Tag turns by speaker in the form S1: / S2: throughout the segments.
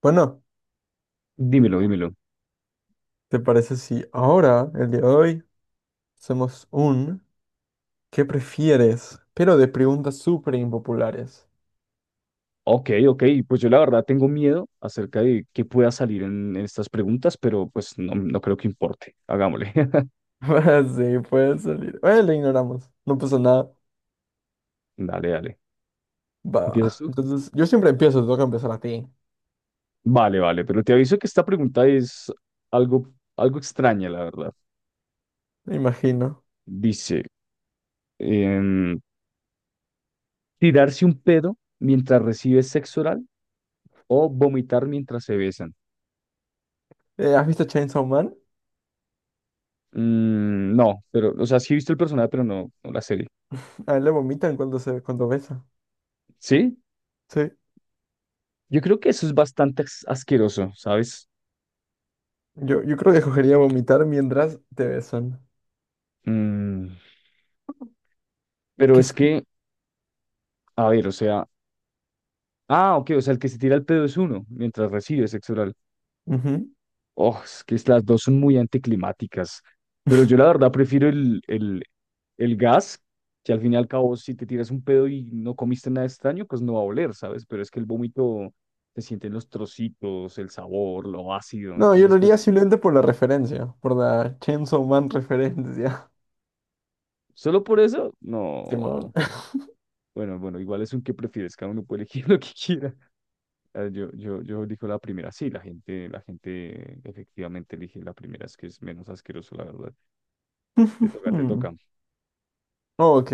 S1: Bueno,
S2: Dímelo, dímelo.
S1: ¿te parece si ahora, el día de hoy, hacemos un ¿qué prefieres? Pero de preguntas súper impopulares.
S2: Ok, ok. Pues yo la verdad tengo miedo acerca de qué pueda salir en estas preguntas, pero pues no, no creo que importe. Hagámosle.
S1: Sí, puede salir. Bueno, le ignoramos. No pasa nada.
S2: Dale, dale. ¿Empiezas
S1: Va.
S2: tú?
S1: Entonces, yo siempre empiezo, te toca empezar a ti.
S2: Vale, vale. Pero te aviso que esta pregunta es algo, algo extraña, la verdad.
S1: Me imagino.
S2: Dice, em, ¿tirarse un pedo mientras recibes sexo oral o vomitar mientras se besan?
S1: ¿Has visto Chainsaw Man?
S2: Mm, no, pero, o sea, sí he visto el personaje, pero no, no la serie.
S1: A él le vomitan cuando besa.
S2: ¿Sí?
S1: Sí.
S2: Yo creo que eso es bastante asqueroso, ¿sabes?
S1: Yo creo que escogería vomitar mientras te besan.
S2: Mm, pero
S1: ¿Qué
S2: es
S1: es?
S2: que, a ver, o sea, ah, ok, o sea, el que se tira el pedo es uno mientras recibe sexo oral.
S1: Ujú.
S2: Oh, es que las dos son muy anticlimáticas. Pero yo la verdad prefiero el gas, que al fin y al cabo, si te tiras un pedo y no comiste nada extraño, pues no va a oler, ¿sabes? Pero es que el vómito se sienten los trocitos, el sabor, lo ácido.
S1: No, yo
S2: Entonces,
S1: lo haría
S2: pues,
S1: simplemente por la referencia, por la Chainsaw Man referencia.
S2: solo por eso,
S1: Simón.
S2: no. Bueno, bueno, igual es un que prefieres, cada uno puede elegir lo que quiera. Yo digo la primera, sí, la gente efectivamente elige la primera, es que es menos asqueroso, la verdad. Te toca, te
S1: Ujujú.
S2: toca.
S1: Oh, Ok.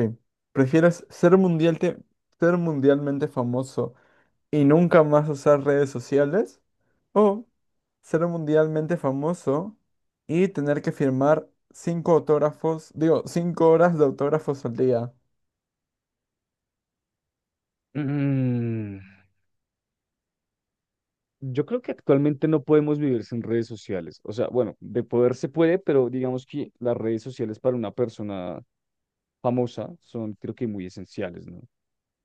S1: ¿Prefieres ser ser mundialmente famoso y nunca más usar redes sociales? ¿O ser mundialmente famoso y tener que firmar cinco autógrafos, digo, 5 horas de autógrafos al día?
S2: Mm, yo creo que actualmente no podemos vivir sin redes sociales. O sea, bueno, de poder se puede, pero digamos que las redes sociales para una persona famosa son, creo que muy esenciales, ¿no?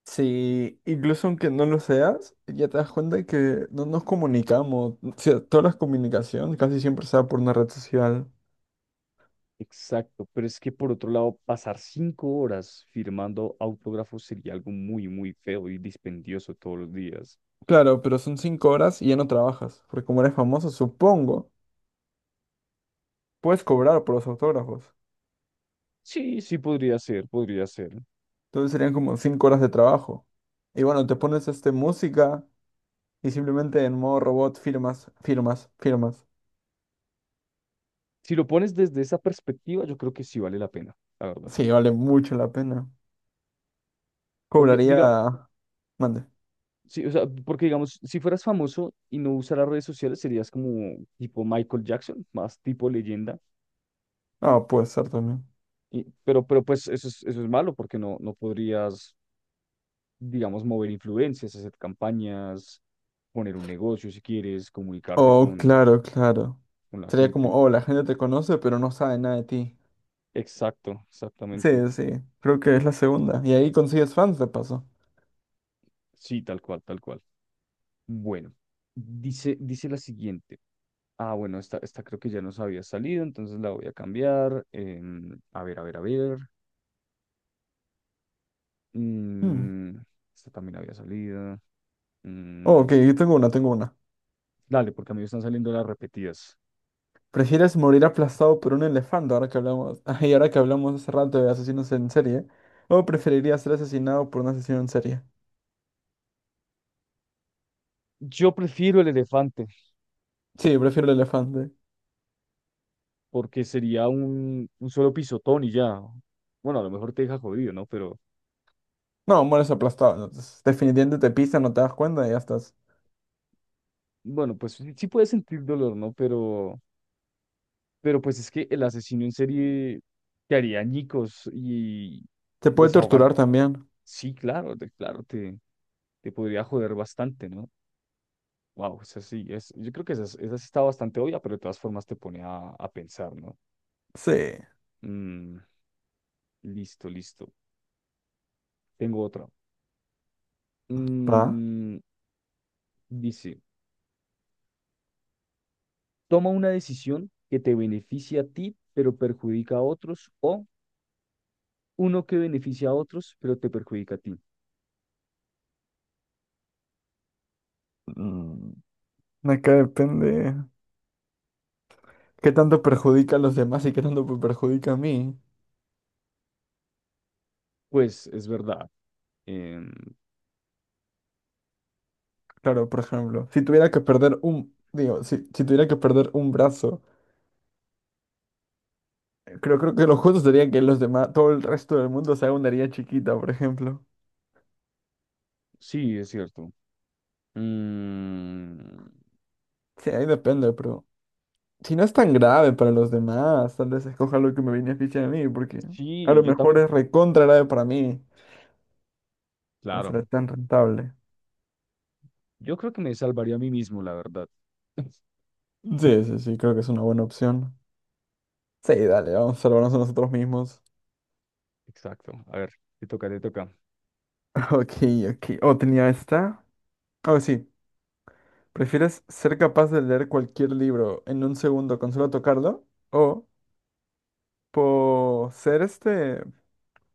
S1: Sí, incluso aunque no lo seas, ya te das cuenta que no nos comunicamos. O sea, toda la comunicación casi siempre se da por una red social.
S2: Exacto, pero es que por otro lado, pasar 5 horas firmando autógrafos sería algo muy, muy feo y dispendioso todos los días.
S1: Claro, pero son 5 horas y ya no trabajas, porque como eres famoso, supongo, puedes cobrar por los autógrafos.
S2: Sí, sí podría ser, podría ser.
S1: Entonces serían como 5 horas de trabajo. Y bueno, te pones música y simplemente en modo robot firmas, firmas, firmas.
S2: Si lo pones desde esa perspectiva, yo creo que sí vale la pena, la verdad.
S1: Sí, vale mucho la pena.
S2: Porque, diga,
S1: Cobraría. Mande.
S2: sí, o sea, porque digamos, si fueras famoso y no usaras redes sociales, serías como tipo Michael Jackson, más tipo leyenda.
S1: Ah, puede ser también.
S2: Pero pues eso es malo porque no, no podrías, digamos, mover influencias, hacer campañas, poner un negocio si quieres, comunicarte
S1: Oh, claro, claro.
S2: con la
S1: Sería como,
S2: gente.
S1: oh, la gente te conoce, pero no sabe nada de ti.
S2: Exacto,
S1: Sí,
S2: exactamente.
S1: sí, creo que es la segunda. Y ahí consigues fans de paso.
S2: Sí, tal cual, tal cual. Bueno, dice, dice la siguiente. Ah, bueno, esta creo que ya nos había salido, entonces la voy a cambiar. Em, a ver, a ver, a ver.
S1: Hmm.
S2: Mm, esta también había salido.
S1: Oh,
S2: Mm,
S1: ok, yo tengo una.
S2: dale, porque a mí me están saliendo las repetidas.
S1: ¿Prefieres morir aplastado por un elefante y ahora que hablamos hace rato de asesinos en serie? ¿O preferirías ser asesinado por un asesino en serie?
S2: Yo prefiero el elefante,
S1: Sí, prefiero el elefante.
S2: porque sería un solo pisotón y ya. Bueno, a lo mejor te deja jodido, ¿no? Pero
S1: No, mueres aplastado, ¿no? Entonces, definitivamente te pisan, no te das cuenta y ya estás.
S2: bueno, pues sí, sí puedes sentir dolor, ¿no? Pero pues es que el asesino en serie te haría añicos y
S1: Te puede
S2: desahogar.
S1: torturar también.
S2: Sí, claro, te podría joder bastante, ¿no? Wow, es así, es, yo creo que esa, esa sí está bastante obvia, pero de todas formas te pone a pensar, ¿no?
S1: Sí.
S2: Mm, listo, listo. Tengo otra.
S1: ¿Va?
S2: Mm, dice, toma una decisión que te beneficia a ti, pero perjudica a otros, o uno que beneficia a otros, pero te perjudica a ti.
S1: Mm, acá depende. ¿Qué tanto perjudica a los demás y qué tanto me perjudica a mí?
S2: Pues es verdad. Em,
S1: Claro, por ejemplo, si tuviera que perder un, digo, si tuviera que perder un brazo. Creo que lo justo sería que los demás, todo el resto del mundo se haga una herida chiquita, por ejemplo.
S2: sí, es cierto. Mm,
S1: Sí, ahí depende, pero si no es tan grave para los demás, tal vez escoja lo que me beneficie a mí, porque a
S2: sí,
S1: lo
S2: yo
S1: mejor
S2: también,
S1: es recontra grave para mí. No será
S2: claro.
S1: tan rentable.
S2: Yo creo que me salvaría a mí mismo, la verdad.
S1: Sí, sí, sí, creo que es una buena opción. Sí, dale, vamos a salvarnos a nosotros mismos.
S2: Exacto. A ver, te toca, te toca.
S1: Ok, ok. Oh, tenía esta. Oh, sí. ¿Prefieres ser capaz de leer cualquier libro en un segundo con solo tocarlo? O por ser este.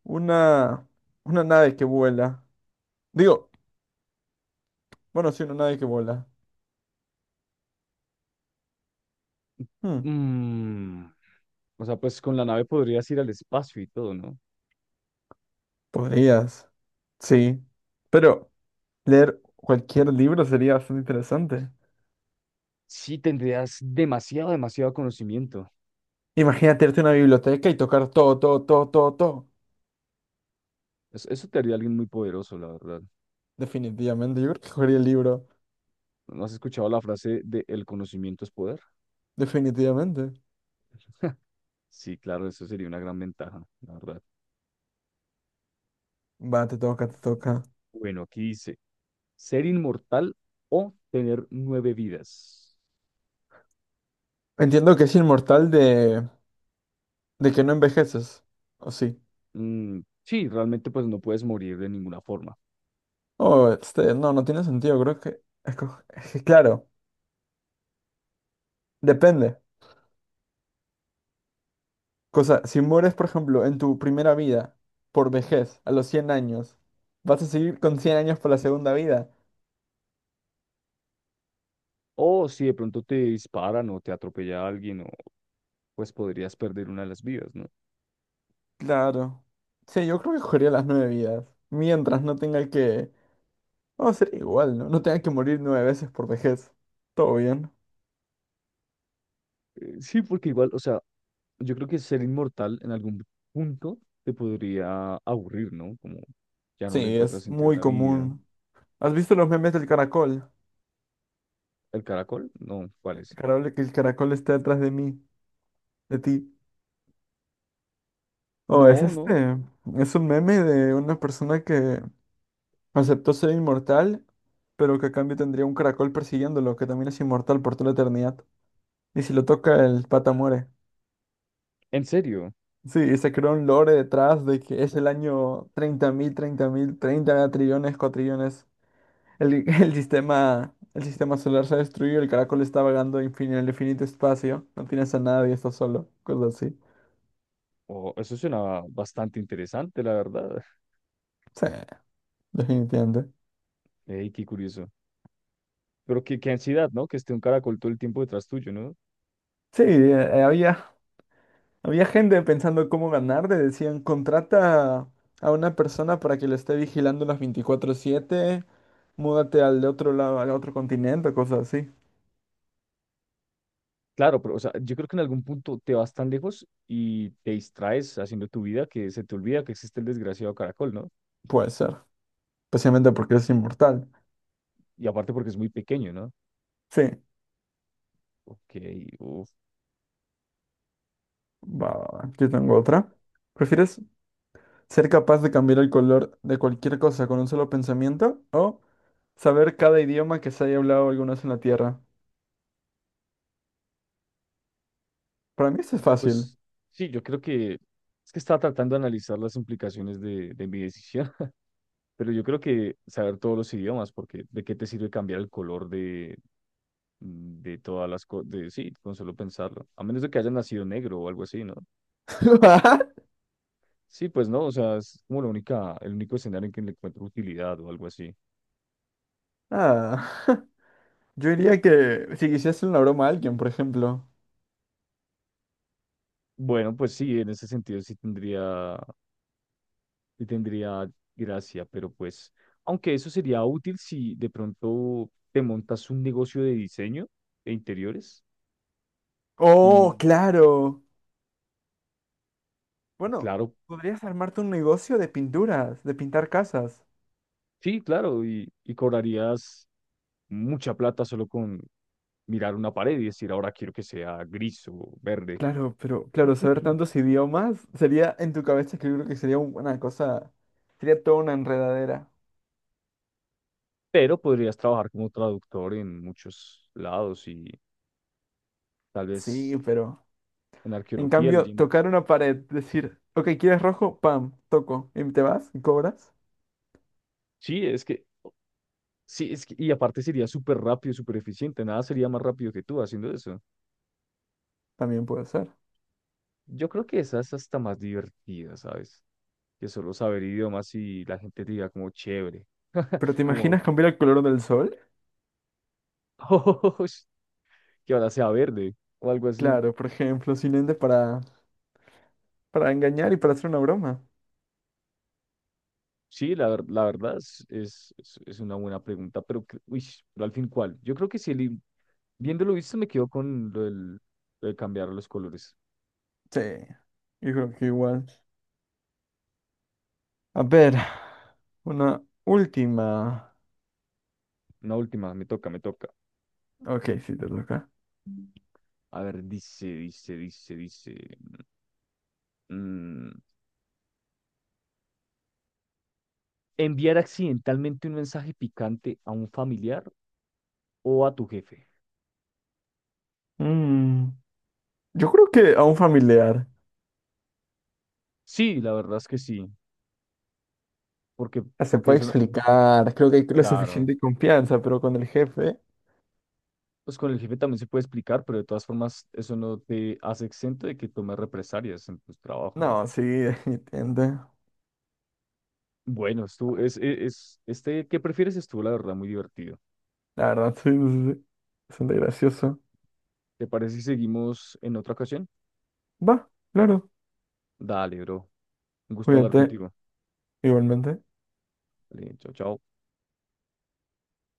S1: Una, una nave que vuela. Digo, bueno, sí, una nave que vuela. Hmm,
S2: Mm, o sea, pues con la nave podrías ir al espacio y todo, ¿no?
S1: Podrías. Sí. Pero leer cualquier libro sería bastante interesante.
S2: Sí, tendrías demasiado, demasiado conocimiento.
S1: Imagínate irte a una biblioteca y tocar todo, todo, todo, todo, todo.
S2: Eso, te haría alguien muy poderoso, la verdad.
S1: Definitivamente, yo creo que cogería el libro.
S2: ¿No has escuchado la frase de el conocimiento es poder?
S1: Definitivamente.
S2: Sí, claro, eso sería una gran ventaja, la verdad.
S1: Va, te toca, te toca.
S2: Bueno, aquí dice, ser inmortal o tener 9 vidas.
S1: Entiendo que es inmortal de, que no envejeces. ¿O sí?
S2: Mm, sí, realmente pues no puedes morir de ninguna forma.
S1: Oh, no, no tiene sentido. Creo que es que claro, depende. Cosa, si mueres, por ejemplo, en tu primera vida, por vejez, a los 100 años, ¿vas a seguir con 100 años por la segunda vida?
S2: O si de pronto te disparan o te atropella alguien o pues podrías perder una de las vidas, ¿no?
S1: Claro. Sí, yo creo que cogería las nueve vidas. Mientras no tenga que. Vamos a ser igual, ¿no? No tenga que morir nueve veces por vejez. Todo bien.
S2: Sí, porque igual, o sea, yo creo que ser inmortal en algún punto te podría aburrir, ¿no? Como ya no le
S1: Sí,
S2: encuentras
S1: es
S2: sentido a
S1: muy
S2: la vida.
S1: común. ¿Has visto los memes del caracol?
S2: ¿El caracol? No, ¿cuál
S1: El
S2: es?
S1: caracol, que el caracol está detrás de mí, de ti. Oh, es
S2: No, no,
S1: este. Es un meme de una persona que aceptó ser inmortal pero que a cambio tendría un caracol persiguiéndolo, que también es inmortal por toda la eternidad. Y si lo toca, el pata muere.
S2: en serio.
S1: Sí, y se creó un lore detrás de que es el año 30.000 30.000 30 trillones, cuatrillones. El sistema solar se ha destruido, el caracol está vagando en el infinito espacio. No tienes a nadie, estás solo, cosas así.
S2: Oh, eso suena bastante interesante, la verdad.
S1: Sí, definitivamente.
S2: Ey, qué curioso. Pero qué, qué ansiedad, ¿no? Que esté un caracol todo el tiempo detrás tuyo, ¿no?
S1: Sí, eh, había, había gente pensando cómo ganar, le decían, contrata a una persona para que lo esté vigilando las 24/7. Múdate al de otro lado, al otro continente, cosas así.
S2: Claro, pero o sea, yo creo que en algún punto te vas tan lejos y te distraes haciendo tu vida que se te olvida que existe el desgraciado caracol, ¿no?
S1: Puede ser. Especialmente porque es inmortal.
S2: Y aparte porque es muy pequeño, ¿no?
S1: Sí,
S2: Ok, uf.
S1: va, va, va. Yo tengo otra. ¿Prefieres ser capaz de cambiar el color de cualquier cosa con un solo pensamiento o saber cada idioma que se haya hablado alguna vez en la Tierra? Para mí eso es fácil.
S2: Pues sí, yo creo que es que estaba tratando de analizar las implicaciones de mi decisión, pero yo creo que saber todos los idiomas, porque ¿de qué te sirve cambiar el color de, mm, de todas las cosas? De, sí, con solo pensarlo, a menos de que haya nacido negro o algo así, ¿no? Sí, pues no, o sea, es como la única, el único escenario en que le encuentro utilidad o algo así.
S1: Ah, yo diría que si quisieras hacer una broma a alguien, por ejemplo.
S2: Bueno, pues sí, en ese sentido sí tendría y tendría gracia, pero pues, aunque eso sería útil si de pronto te montas un negocio de diseño de interiores y,
S1: Oh, claro.
S2: y
S1: Bueno,
S2: claro,
S1: podrías armarte un negocio de pinturas, de pintar casas.
S2: sí, claro, y cobrarías mucha plata solo con mirar una pared y decir, ahora quiero que sea gris o verde,
S1: Claro, pero claro, saber tantos idiomas sería en tu cabeza que yo creo que sería una cosa, sería toda una enredadera.
S2: pero podrías trabajar como traductor en muchos lados y tal vez
S1: Sí, pero
S2: en
S1: en
S2: arqueología,
S1: cambio,
S2: leyendo.
S1: tocar una pared, decir, ok, ¿quieres rojo? Pam, toco. ¿Y te vas? ¿Y cobras?
S2: Sí, es que... Sí, es que, y aparte sería súper rápido, súper eficiente, nada sería más rápido que tú haciendo eso.
S1: También puede ser.
S2: Yo creo que esa es hasta más divertida, ¿sabes? Que solo saber idiomas y la gente diga como chévere,
S1: ¿Pero te
S2: como
S1: imaginas cambiar el color del sol?
S2: "Oh, que ahora sea verde o algo así.
S1: Claro, por ejemplo, sin ende para, engañar y para hacer una broma.
S2: Sí, la, la verdad es, es una buena pregunta, pero, uy, pero al fin, ¿cuál? Yo creo que si viéndolo visto me quedo con lo del, lo de cambiar los colores.
S1: Sí, yo creo que igual. A ver, una última.
S2: Una última, me toca, me toca.
S1: Ok, sí, te toca.
S2: A ver, dice. Mm, enviar accidentalmente un mensaje picante a un familiar o a tu jefe.
S1: Mm, yo creo que a un familiar.
S2: Sí, la verdad es que sí, porque,
S1: Se
S2: porque
S1: puede
S2: eso,
S1: explicar, creo que hay la
S2: claro,
S1: suficiente confianza, pero con el jefe,
S2: pues con el jefe también se puede explicar, pero de todas formas eso no te hace exento de que tomes represalias en tu trabajo, ¿no?
S1: no, sí, entiende.
S2: Bueno, estuvo, es, es, este, ¿qué prefieres? Estuvo, la verdad, muy divertido.
S1: La verdad, sí, sí, sí. Bastante gracioso.
S2: ¿Te parece si seguimos en otra ocasión?
S1: Va, claro,
S2: Dale, bro, un gusto hablar
S1: cuídate
S2: contigo.
S1: igualmente.
S2: Dale, chao, chao.